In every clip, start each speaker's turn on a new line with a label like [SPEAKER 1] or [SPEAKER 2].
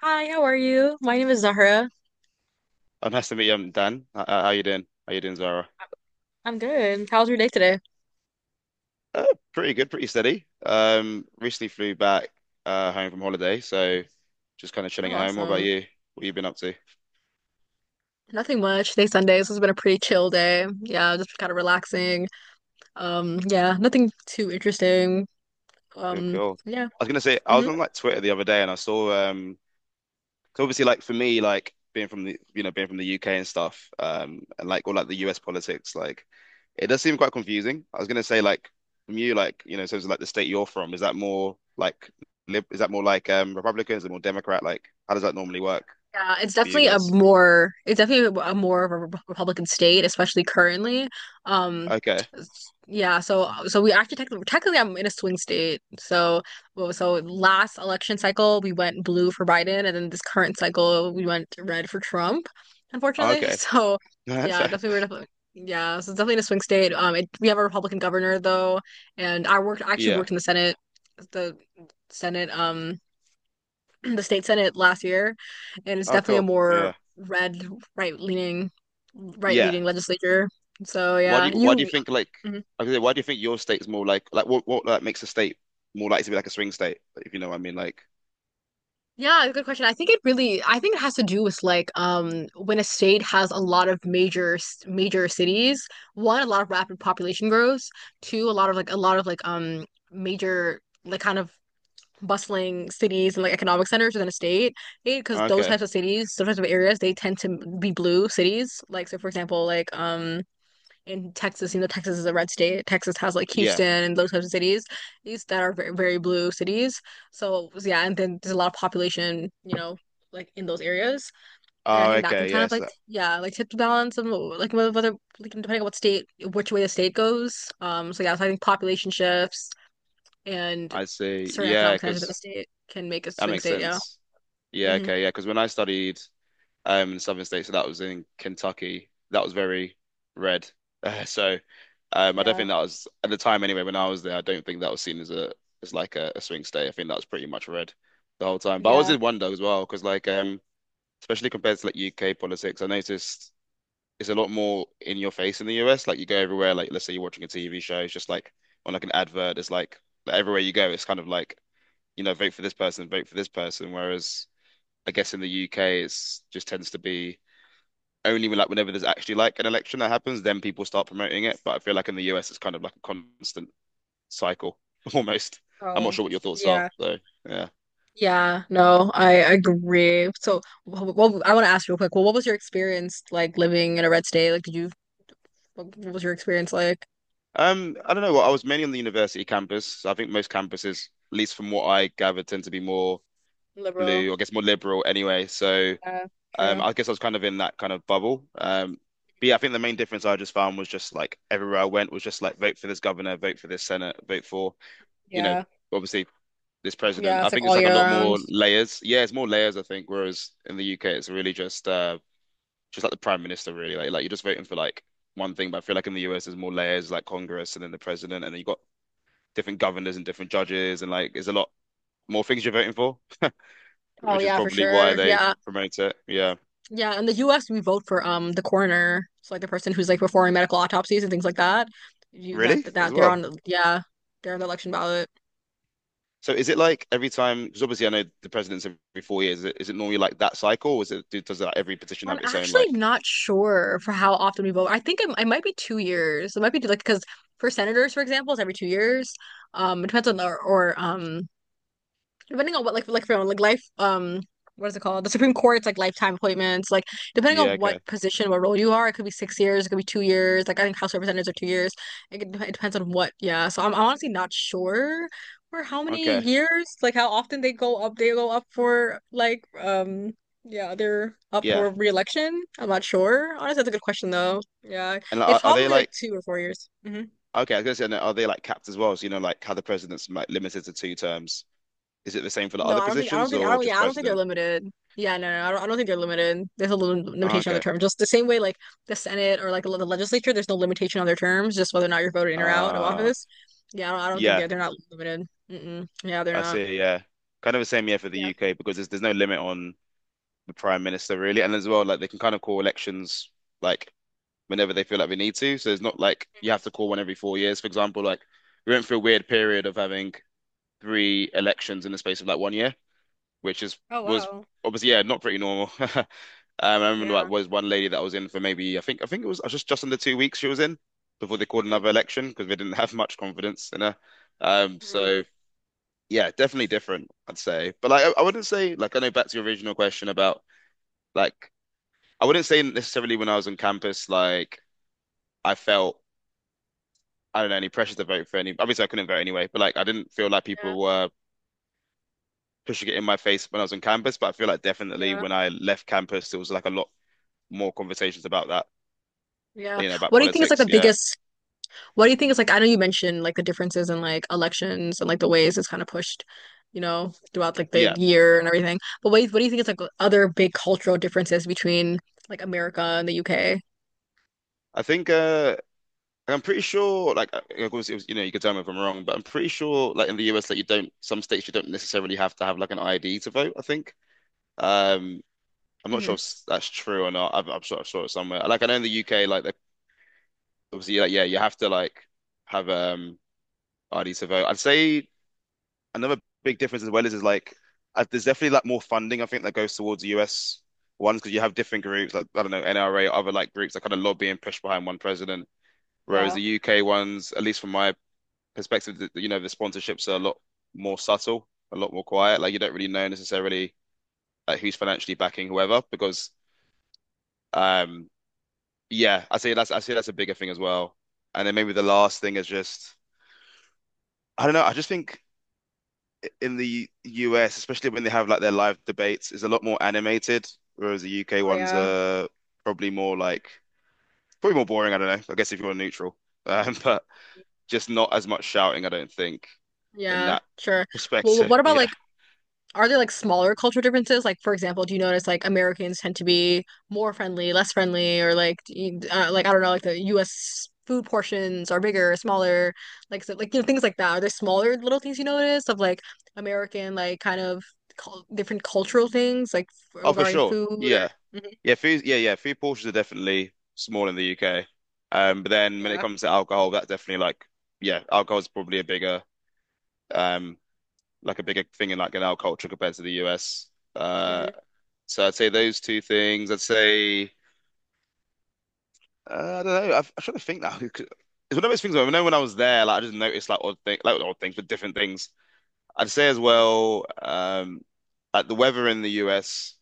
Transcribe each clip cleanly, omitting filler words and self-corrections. [SPEAKER 1] Hi, how are you? My name is Zahra.
[SPEAKER 2] Oh, nice to meet you, Dan. How you doing? How you doing, Zara?
[SPEAKER 1] I'm good. How's your day today?
[SPEAKER 2] Uh, pretty good, pretty steady. Recently flew back home from holiday, so just kind of chilling
[SPEAKER 1] Oh,
[SPEAKER 2] at home. What about
[SPEAKER 1] awesome.
[SPEAKER 2] you? What you been up to?
[SPEAKER 1] Nothing much. Today's Sunday, so it's been a pretty chill day. Yeah, just kind of relaxing. Yeah, nothing too interesting.
[SPEAKER 2] Cool,
[SPEAKER 1] Um,
[SPEAKER 2] cool.
[SPEAKER 1] yeah.
[SPEAKER 2] I was gonna say I was
[SPEAKER 1] Mm-hmm.
[SPEAKER 2] on like Twitter the other day and I saw 'cause obviously like for me like being from the being from the UK and stuff and like all like the US politics like it does seem quite confusing. I was gonna say, like from you like in terms of like the state you're from, is that more like lib, is that more like Republican, is it more Democrat? Like how does that normally work
[SPEAKER 1] Yeah, it's
[SPEAKER 2] for you
[SPEAKER 1] definitely a
[SPEAKER 2] guys?
[SPEAKER 1] more Republican state, especially currently. Um,
[SPEAKER 2] Okay.
[SPEAKER 1] yeah, so we actually technically I'm in a swing state. So well, so last election cycle we went blue for Biden, and then this current cycle we went red for Trump,
[SPEAKER 2] Oh,
[SPEAKER 1] unfortunately.
[SPEAKER 2] okay.
[SPEAKER 1] So
[SPEAKER 2] That's-
[SPEAKER 1] yeah,
[SPEAKER 2] a-
[SPEAKER 1] definitely we're definitely yeah, so it's definitely in a swing state. It, we have a Republican governor though, and I actually
[SPEAKER 2] yeah.
[SPEAKER 1] worked in the Senate, the Senate the state senate last year, and it's
[SPEAKER 2] Oh
[SPEAKER 1] definitely a
[SPEAKER 2] cool,
[SPEAKER 1] more
[SPEAKER 2] yeah.
[SPEAKER 1] red, right leaning, right
[SPEAKER 2] Yeah,
[SPEAKER 1] leaning legislature. So yeah,
[SPEAKER 2] why do you
[SPEAKER 1] you
[SPEAKER 2] think like,
[SPEAKER 1] mhm.
[SPEAKER 2] I was gonna say, why do you think your state's more like what like makes a state more likely to be like a swing state, if you know what I mean? Like
[SPEAKER 1] Yeah, good question. I think it really, I think it has to do with when a state has a lot of major major cities, one, a lot of rapid population growth, two, a lot of like major like kind of bustling cities and like economic centers within a state because those
[SPEAKER 2] okay.
[SPEAKER 1] types of cities those types of areas they tend to be blue cities like so for example in Texas, you know, Texas is a red state. Texas has like
[SPEAKER 2] Yeah.
[SPEAKER 1] Houston and those types of cities, these that are very, very blue cities. So yeah, and then there's a lot of population, you know, like in those areas. And I
[SPEAKER 2] Oh,
[SPEAKER 1] think that can
[SPEAKER 2] okay.
[SPEAKER 1] kind of
[SPEAKER 2] Yes,
[SPEAKER 1] like yeah, like tip the balance of like whether like depending on what state, which way the state goes. So yeah, so I think population shifts and
[SPEAKER 2] I see.
[SPEAKER 1] certain
[SPEAKER 2] Yeah,
[SPEAKER 1] economic conditions of the
[SPEAKER 2] because
[SPEAKER 1] state can make a
[SPEAKER 2] that
[SPEAKER 1] swing
[SPEAKER 2] makes
[SPEAKER 1] state. Yeah.
[SPEAKER 2] sense. Yeah,
[SPEAKER 1] Hmm.
[SPEAKER 2] okay. Yeah, because when I studied in Southern States, so that was in Kentucky, that was very red. So I don't think
[SPEAKER 1] Yeah.
[SPEAKER 2] that was, at the time anyway, when I was there, I don't think that was seen as a as like a swing state. I think that was pretty much red the whole time. But I always
[SPEAKER 1] Yeah.
[SPEAKER 2] did wonder as well, because like especially compared to like UK politics, I noticed it's a lot more in your face in the US. Like you go everywhere, like let's say you're watching a TV show, it's just like on like an advert, it's like, everywhere you go, it's kind of like, you know, vote for this person, vote for this person. Whereas I guess in the UK it's just tends to be only when, like whenever there's actually like an election that happens, then people start promoting it. But I feel like in the US it's kind of like a constant cycle almost. I'm not
[SPEAKER 1] Oh,
[SPEAKER 2] sure what your thoughts are
[SPEAKER 1] yeah.
[SPEAKER 2] though. Yeah.
[SPEAKER 1] Yeah, no, I agree. So, well, I want to ask real quick. Well, what was your experience like living in a red state? Like, did you, what was your experience like?
[SPEAKER 2] I don't know. Well, I was mainly on the university campus. I think most campuses, at least from what I gathered, tend to be more blue,
[SPEAKER 1] Liberal.
[SPEAKER 2] or I guess more liberal anyway. So
[SPEAKER 1] Yeah, true.
[SPEAKER 2] I guess I was kind of in that kind of bubble. But yeah, I think the main difference I just found was just like everywhere I went was just like vote for this governor, vote for this senate, vote for, you know,
[SPEAKER 1] Yeah.
[SPEAKER 2] obviously this president.
[SPEAKER 1] Yeah,
[SPEAKER 2] I
[SPEAKER 1] it's like
[SPEAKER 2] think it's
[SPEAKER 1] all
[SPEAKER 2] like a
[SPEAKER 1] year
[SPEAKER 2] lot
[SPEAKER 1] round.
[SPEAKER 2] more layers. Yeah, it's more layers, I think, whereas in the UK it's really just like the prime minister really. Like you're just voting for like one thing, but I feel like in the US there's more layers like Congress and then the president, and then you've got different governors and different judges, and like there's a lot more things you're voting for,
[SPEAKER 1] Oh
[SPEAKER 2] which is
[SPEAKER 1] yeah, for
[SPEAKER 2] probably why
[SPEAKER 1] sure.
[SPEAKER 2] they
[SPEAKER 1] Yeah.
[SPEAKER 2] promote it. Yeah.
[SPEAKER 1] Yeah, in the US we vote for the coroner. So like the person who's like performing medical autopsies and things like that. You that
[SPEAKER 2] Really? As
[SPEAKER 1] that they're on
[SPEAKER 2] well?
[SPEAKER 1] the yeah, they're on the election ballot.
[SPEAKER 2] So is it like every time, because obviously I know the president's every four years, is it normally like that cycle, or is it, does like every petition
[SPEAKER 1] I'm
[SPEAKER 2] have its own
[SPEAKER 1] actually
[SPEAKER 2] like,
[SPEAKER 1] not sure for how often we vote. I think it might be 2 years. It might be like because for senators, for example, it's every 2 years. It depends on the or depending on what like for like life what is it called? The Supreme Court's like lifetime appointments. Like depending
[SPEAKER 2] yeah,
[SPEAKER 1] on what
[SPEAKER 2] okay,
[SPEAKER 1] position, what role you are, it could be 6 years, it could be 2 years. Like I think House of Representatives are 2 years. It, could, it depends on what. Yeah. So I'm honestly not sure for how many
[SPEAKER 2] okay,
[SPEAKER 1] years, like how often they go up. They go up for yeah they're up
[SPEAKER 2] yeah.
[SPEAKER 1] for re-election. I'm not sure. Honestly, that's a good question though. Yeah,
[SPEAKER 2] And like,
[SPEAKER 1] it's
[SPEAKER 2] are they
[SPEAKER 1] probably like
[SPEAKER 2] like,
[SPEAKER 1] 2 or 4 years. Mhm.
[SPEAKER 2] okay, I was gonna say, no, are they like capped as well? So, you know, like how the president's like limited to two terms. Is it the same for the
[SPEAKER 1] No,
[SPEAKER 2] other
[SPEAKER 1] I don't think I don't
[SPEAKER 2] positions
[SPEAKER 1] think I
[SPEAKER 2] or
[SPEAKER 1] don't
[SPEAKER 2] just
[SPEAKER 1] yeah, I don't think they're
[SPEAKER 2] president?
[SPEAKER 1] limited. Yeah, no, no, no, I don't think they're limited. There's a little
[SPEAKER 2] Ah,
[SPEAKER 1] limitation on the
[SPEAKER 2] okay.
[SPEAKER 1] term. Just the same way like the Senate or like the legislature, there's no limitation on their terms, just whether or not you're voted in or out of
[SPEAKER 2] Uh,
[SPEAKER 1] office. Yeah, I don't think
[SPEAKER 2] yeah,
[SPEAKER 1] they're not limited. Mm-mm. Yeah, they're
[SPEAKER 2] I
[SPEAKER 1] not.
[SPEAKER 2] see, yeah. Kind of the same, yeah, for the
[SPEAKER 1] Yeah.
[SPEAKER 2] UK because there's no limit on the prime minister really. And as well, like they can kind of call elections like whenever they feel like we need to. So it's not like you have to call one every four years, for example. Like we went through a weird period of having three elections in the space of like one year, which is
[SPEAKER 1] Oh
[SPEAKER 2] was
[SPEAKER 1] wow.
[SPEAKER 2] obviously yeah not pretty normal. I remember like
[SPEAKER 1] Yeah.
[SPEAKER 2] was one lady that was in for maybe, I think it was just under two weeks she was in before they called
[SPEAKER 1] Hmm.
[SPEAKER 2] another election because they didn't have much confidence in her.
[SPEAKER 1] Hmm.
[SPEAKER 2] So yeah, definitely different, I'd say. But like I wouldn't say like I know, back to your original question about like I wouldn't say necessarily when I was on campus like I felt I don't know, any pressure to vote for any. Obviously, I couldn't vote anyway, but like I didn't feel like
[SPEAKER 1] Yeah.
[SPEAKER 2] people were pushing it in my face when I was on campus. But I feel like definitely
[SPEAKER 1] Yeah.
[SPEAKER 2] when I left campus, there was like a lot more conversations about that,
[SPEAKER 1] Yeah.
[SPEAKER 2] you know, about
[SPEAKER 1] What do you think is like
[SPEAKER 2] politics.
[SPEAKER 1] the
[SPEAKER 2] Yeah,
[SPEAKER 1] biggest What do you think is like, I know you mentioned like the differences in like elections and like the ways it's kind of pushed, you know, throughout like the
[SPEAKER 2] yeah.
[SPEAKER 1] year and everything. But what do you think is like other big cultural differences between like America and the UK?
[SPEAKER 2] I think I'm pretty sure, like, of course, it was, you could tell me if I'm wrong, but I'm pretty sure, like in the US, that you don't, some states you don't necessarily have to have like an ID to vote, I think. Um, I'm not sure
[SPEAKER 1] Hmm.
[SPEAKER 2] if that's true or not. I'm sure I saw it somewhere. Like I know in the UK, like the, obviously, like yeah, you have to like have ID to vote. I'd say another big difference as well is like there's definitely like more funding I think that goes towards the US ones because you have different groups, like I don't know, NRA, other like groups that kind of lobby and push behind one president, whereas
[SPEAKER 1] Yeah.
[SPEAKER 2] the UK ones, at least from my perspective, the, you know, the sponsorships are a lot more subtle, a lot more quiet. Like you don't really know necessarily like who's financially backing whoever, because um yeah, I say that's a bigger thing as well. And then maybe the last thing is just I don't know, I just think in the US, especially when they have like their live debates, is a lot more animated, whereas the UK
[SPEAKER 1] Oh
[SPEAKER 2] ones
[SPEAKER 1] yeah.
[SPEAKER 2] are probably more like probably more boring. I don't know, I guess if you're neutral, but just not as much shouting, I don't think, in
[SPEAKER 1] Yeah,
[SPEAKER 2] that
[SPEAKER 1] sure. Well,
[SPEAKER 2] perspective.
[SPEAKER 1] what about
[SPEAKER 2] Yeah.
[SPEAKER 1] like Are there like smaller cultural differences? Like, for example, do you notice like Americans tend to be more friendly, less friendly, or like, do you- like I don't know, like the U.S. food portions are bigger, smaller, like so, like you know things like that. Are there smaller little things you notice of like American like kind of cul different cultural things like
[SPEAKER 2] Oh, for
[SPEAKER 1] regarding
[SPEAKER 2] sure.
[SPEAKER 1] food or
[SPEAKER 2] Yeah.
[SPEAKER 1] Mhm.
[SPEAKER 2] Yeah. Food. Yeah. Yeah. Food portions are definitely small in the UK. But then when it
[SPEAKER 1] Yeah.
[SPEAKER 2] comes to alcohol, that's definitely like yeah, alcohol is probably a bigger um like a bigger thing in like in our culture compared to the US. Uh,
[SPEAKER 1] Hmm.
[SPEAKER 2] So I'd say those two things. I'd say I don't know. I'm trying to think now. It's one of those things where I know when I was there, like I just noticed like odd things, but different things. I'd say as well, like the weather in the US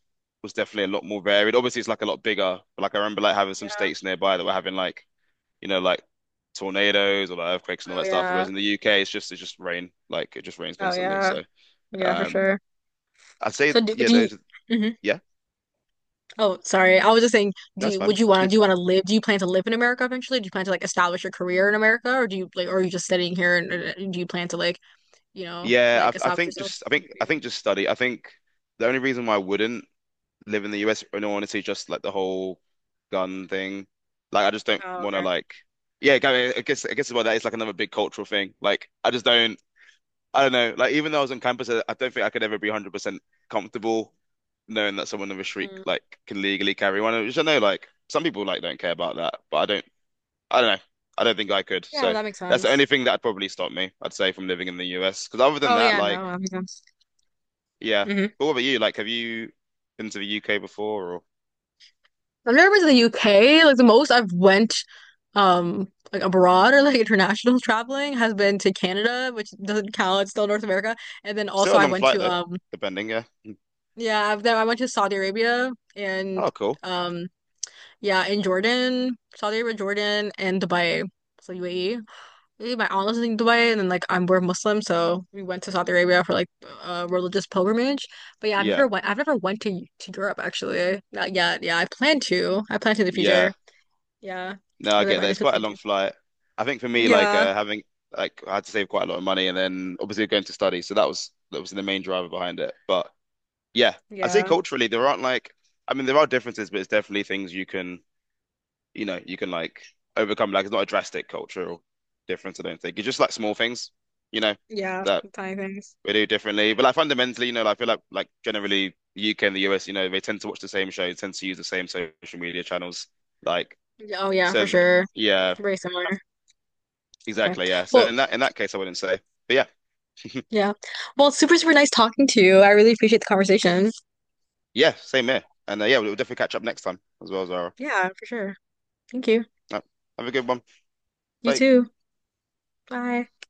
[SPEAKER 2] was definitely a lot more varied. Obviously, it's like a lot bigger, but like I remember like having some
[SPEAKER 1] Yeah.
[SPEAKER 2] states nearby that were having like you know like tornadoes or like earthquakes and all
[SPEAKER 1] Oh
[SPEAKER 2] that stuff.
[SPEAKER 1] yeah.
[SPEAKER 2] Whereas in the UK, it's just rain, like it just rains
[SPEAKER 1] Oh
[SPEAKER 2] constantly.
[SPEAKER 1] yeah.
[SPEAKER 2] So
[SPEAKER 1] Yeah, for
[SPEAKER 2] um,
[SPEAKER 1] sure.
[SPEAKER 2] I'd say
[SPEAKER 1] So
[SPEAKER 2] yeah,
[SPEAKER 1] do you? Mhm.
[SPEAKER 2] yeah,
[SPEAKER 1] Oh, sorry. I was just saying,
[SPEAKER 2] that's fine.
[SPEAKER 1] would you want to, do you want to live, do you plan to live in America eventually? Do you plan to like establish your career in America or do you like, or are you just sitting here and do you plan to like, you know,
[SPEAKER 2] Yeah,
[SPEAKER 1] like
[SPEAKER 2] I
[SPEAKER 1] establish
[SPEAKER 2] think
[SPEAKER 1] yourself?
[SPEAKER 2] just I think just study. I think the only reason why I wouldn't live in the US, in all honesty, just like the whole gun thing. Like I just don't
[SPEAKER 1] Oh,
[SPEAKER 2] want to
[SPEAKER 1] okay.
[SPEAKER 2] like. Yeah, I guess about that it's like another big cultural thing. Like I just don't. I don't know. Like even though I was on campus, I don't think I could ever be 100% comfortable knowing that someone of a shriek
[SPEAKER 1] Mm.
[SPEAKER 2] like can legally carry one. Which I know like some people like don't care about that, but I don't. I don't know. I don't think I could.
[SPEAKER 1] Yeah, no,
[SPEAKER 2] So
[SPEAKER 1] that makes
[SPEAKER 2] that's the
[SPEAKER 1] sense.
[SPEAKER 2] only thing that would probably stop me, I'd say, from living in the US. Because other than
[SPEAKER 1] Oh,
[SPEAKER 2] that,
[SPEAKER 1] yeah,
[SPEAKER 2] like.
[SPEAKER 1] no, that makes sense.
[SPEAKER 2] Yeah.
[SPEAKER 1] Hmm.
[SPEAKER 2] But what about you? Like, have you been to the UK before or
[SPEAKER 1] I've never been to the UK. Like the most I've went, like abroad or like international traveling has been to Canada, which doesn't count. It's still North America. And then
[SPEAKER 2] still
[SPEAKER 1] also
[SPEAKER 2] a
[SPEAKER 1] I
[SPEAKER 2] long
[SPEAKER 1] went
[SPEAKER 2] flight
[SPEAKER 1] to,
[SPEAKER 2] though, depending, yeah. Mm.
[SPEAKER 1] yeah, I went to Saudi Arabia and,
[SPEAKER 2] Oh, cool.
[SPEAKER 1] um Yeah, in Jordan, Saudi Arabia, Jordan, and Dubai. So UAE. Really, my aunt lives in Dubai, and then I'm we're Muslim, so we went to Saudi Arabia for like a religious pilgrimage. But yeah, I've
[SPEAKER 2] Yeah.
[SPEAKER 1] never went. I've never went to Europe actually. Not yet. Yeah, I plan to. I plan to in the
[SPEAKER 2] Yeah.
[SPEAKER 1] future. Yeah,
[SPEAKER 2] No,
[SPEAKER 1] I
[SPEAKER 2] I
[SPEAKER 1] live.
[SPEAKER 2] get
[SPEAKER 1] I
[SPEAKER 2] that. It's quite a
[SPEAKER 1] definitely
[SPEAKER 2] long
[SPEAKER 1] do.
[SPEAKER 2] flight. I think for me, like
[SPEAKER 1] Yeah,
[SPEAKER 2] having like I had to save quite a lot of money and then obviously going to study. So that was the main driver behind it. But yeah, I'd say
[SPEAKER 1] yeah,
[SPEAKER 2] culturally there aren't like I mean there are differences, but it's definitely things you can you know, you can like overcome. Like it's not a drastic cultural difference, I don't think. It's just like small things, you know,
[SPEAKER 1] yeah.
[SPEAKER 2] that
[SPEAKER 1] Tiny things.
[SPEAKER 2] we do differently. But like fundamentally, you know, like, I feel like generally the UK and the US, you know, they tend to watch the same shows, tend to use the same social media channels. Like
[SPEAKER 1] Yeah, oh yeah, for
[SPEAKER 2] so,
[SPEAKER 1] sure.
[SPEAKER 2] yeah,
[SPEAKER 1] Very similar. Okay.
[SPEAKER 2] exactly, yeah. So
[SPEAKER 1] Well,
[SPEAKER 2] in that case, I wouldn't say, but yeah,
[SPEAKER 1] yeah. Well, super nice talking to you. I really appreciate the conversation.
[SPEAKER 2] yeah, same here. And yeah, we'll definitely catch up next time as well, Zara.
[SPEAKER 1] Yeah, for sure. Thank you.
[SPEAKER 2] Uh, Have a good one.
[SPEAKER 1] You
[SPEAKER 2] Bye.
[SPEAKER 1] too. Bye.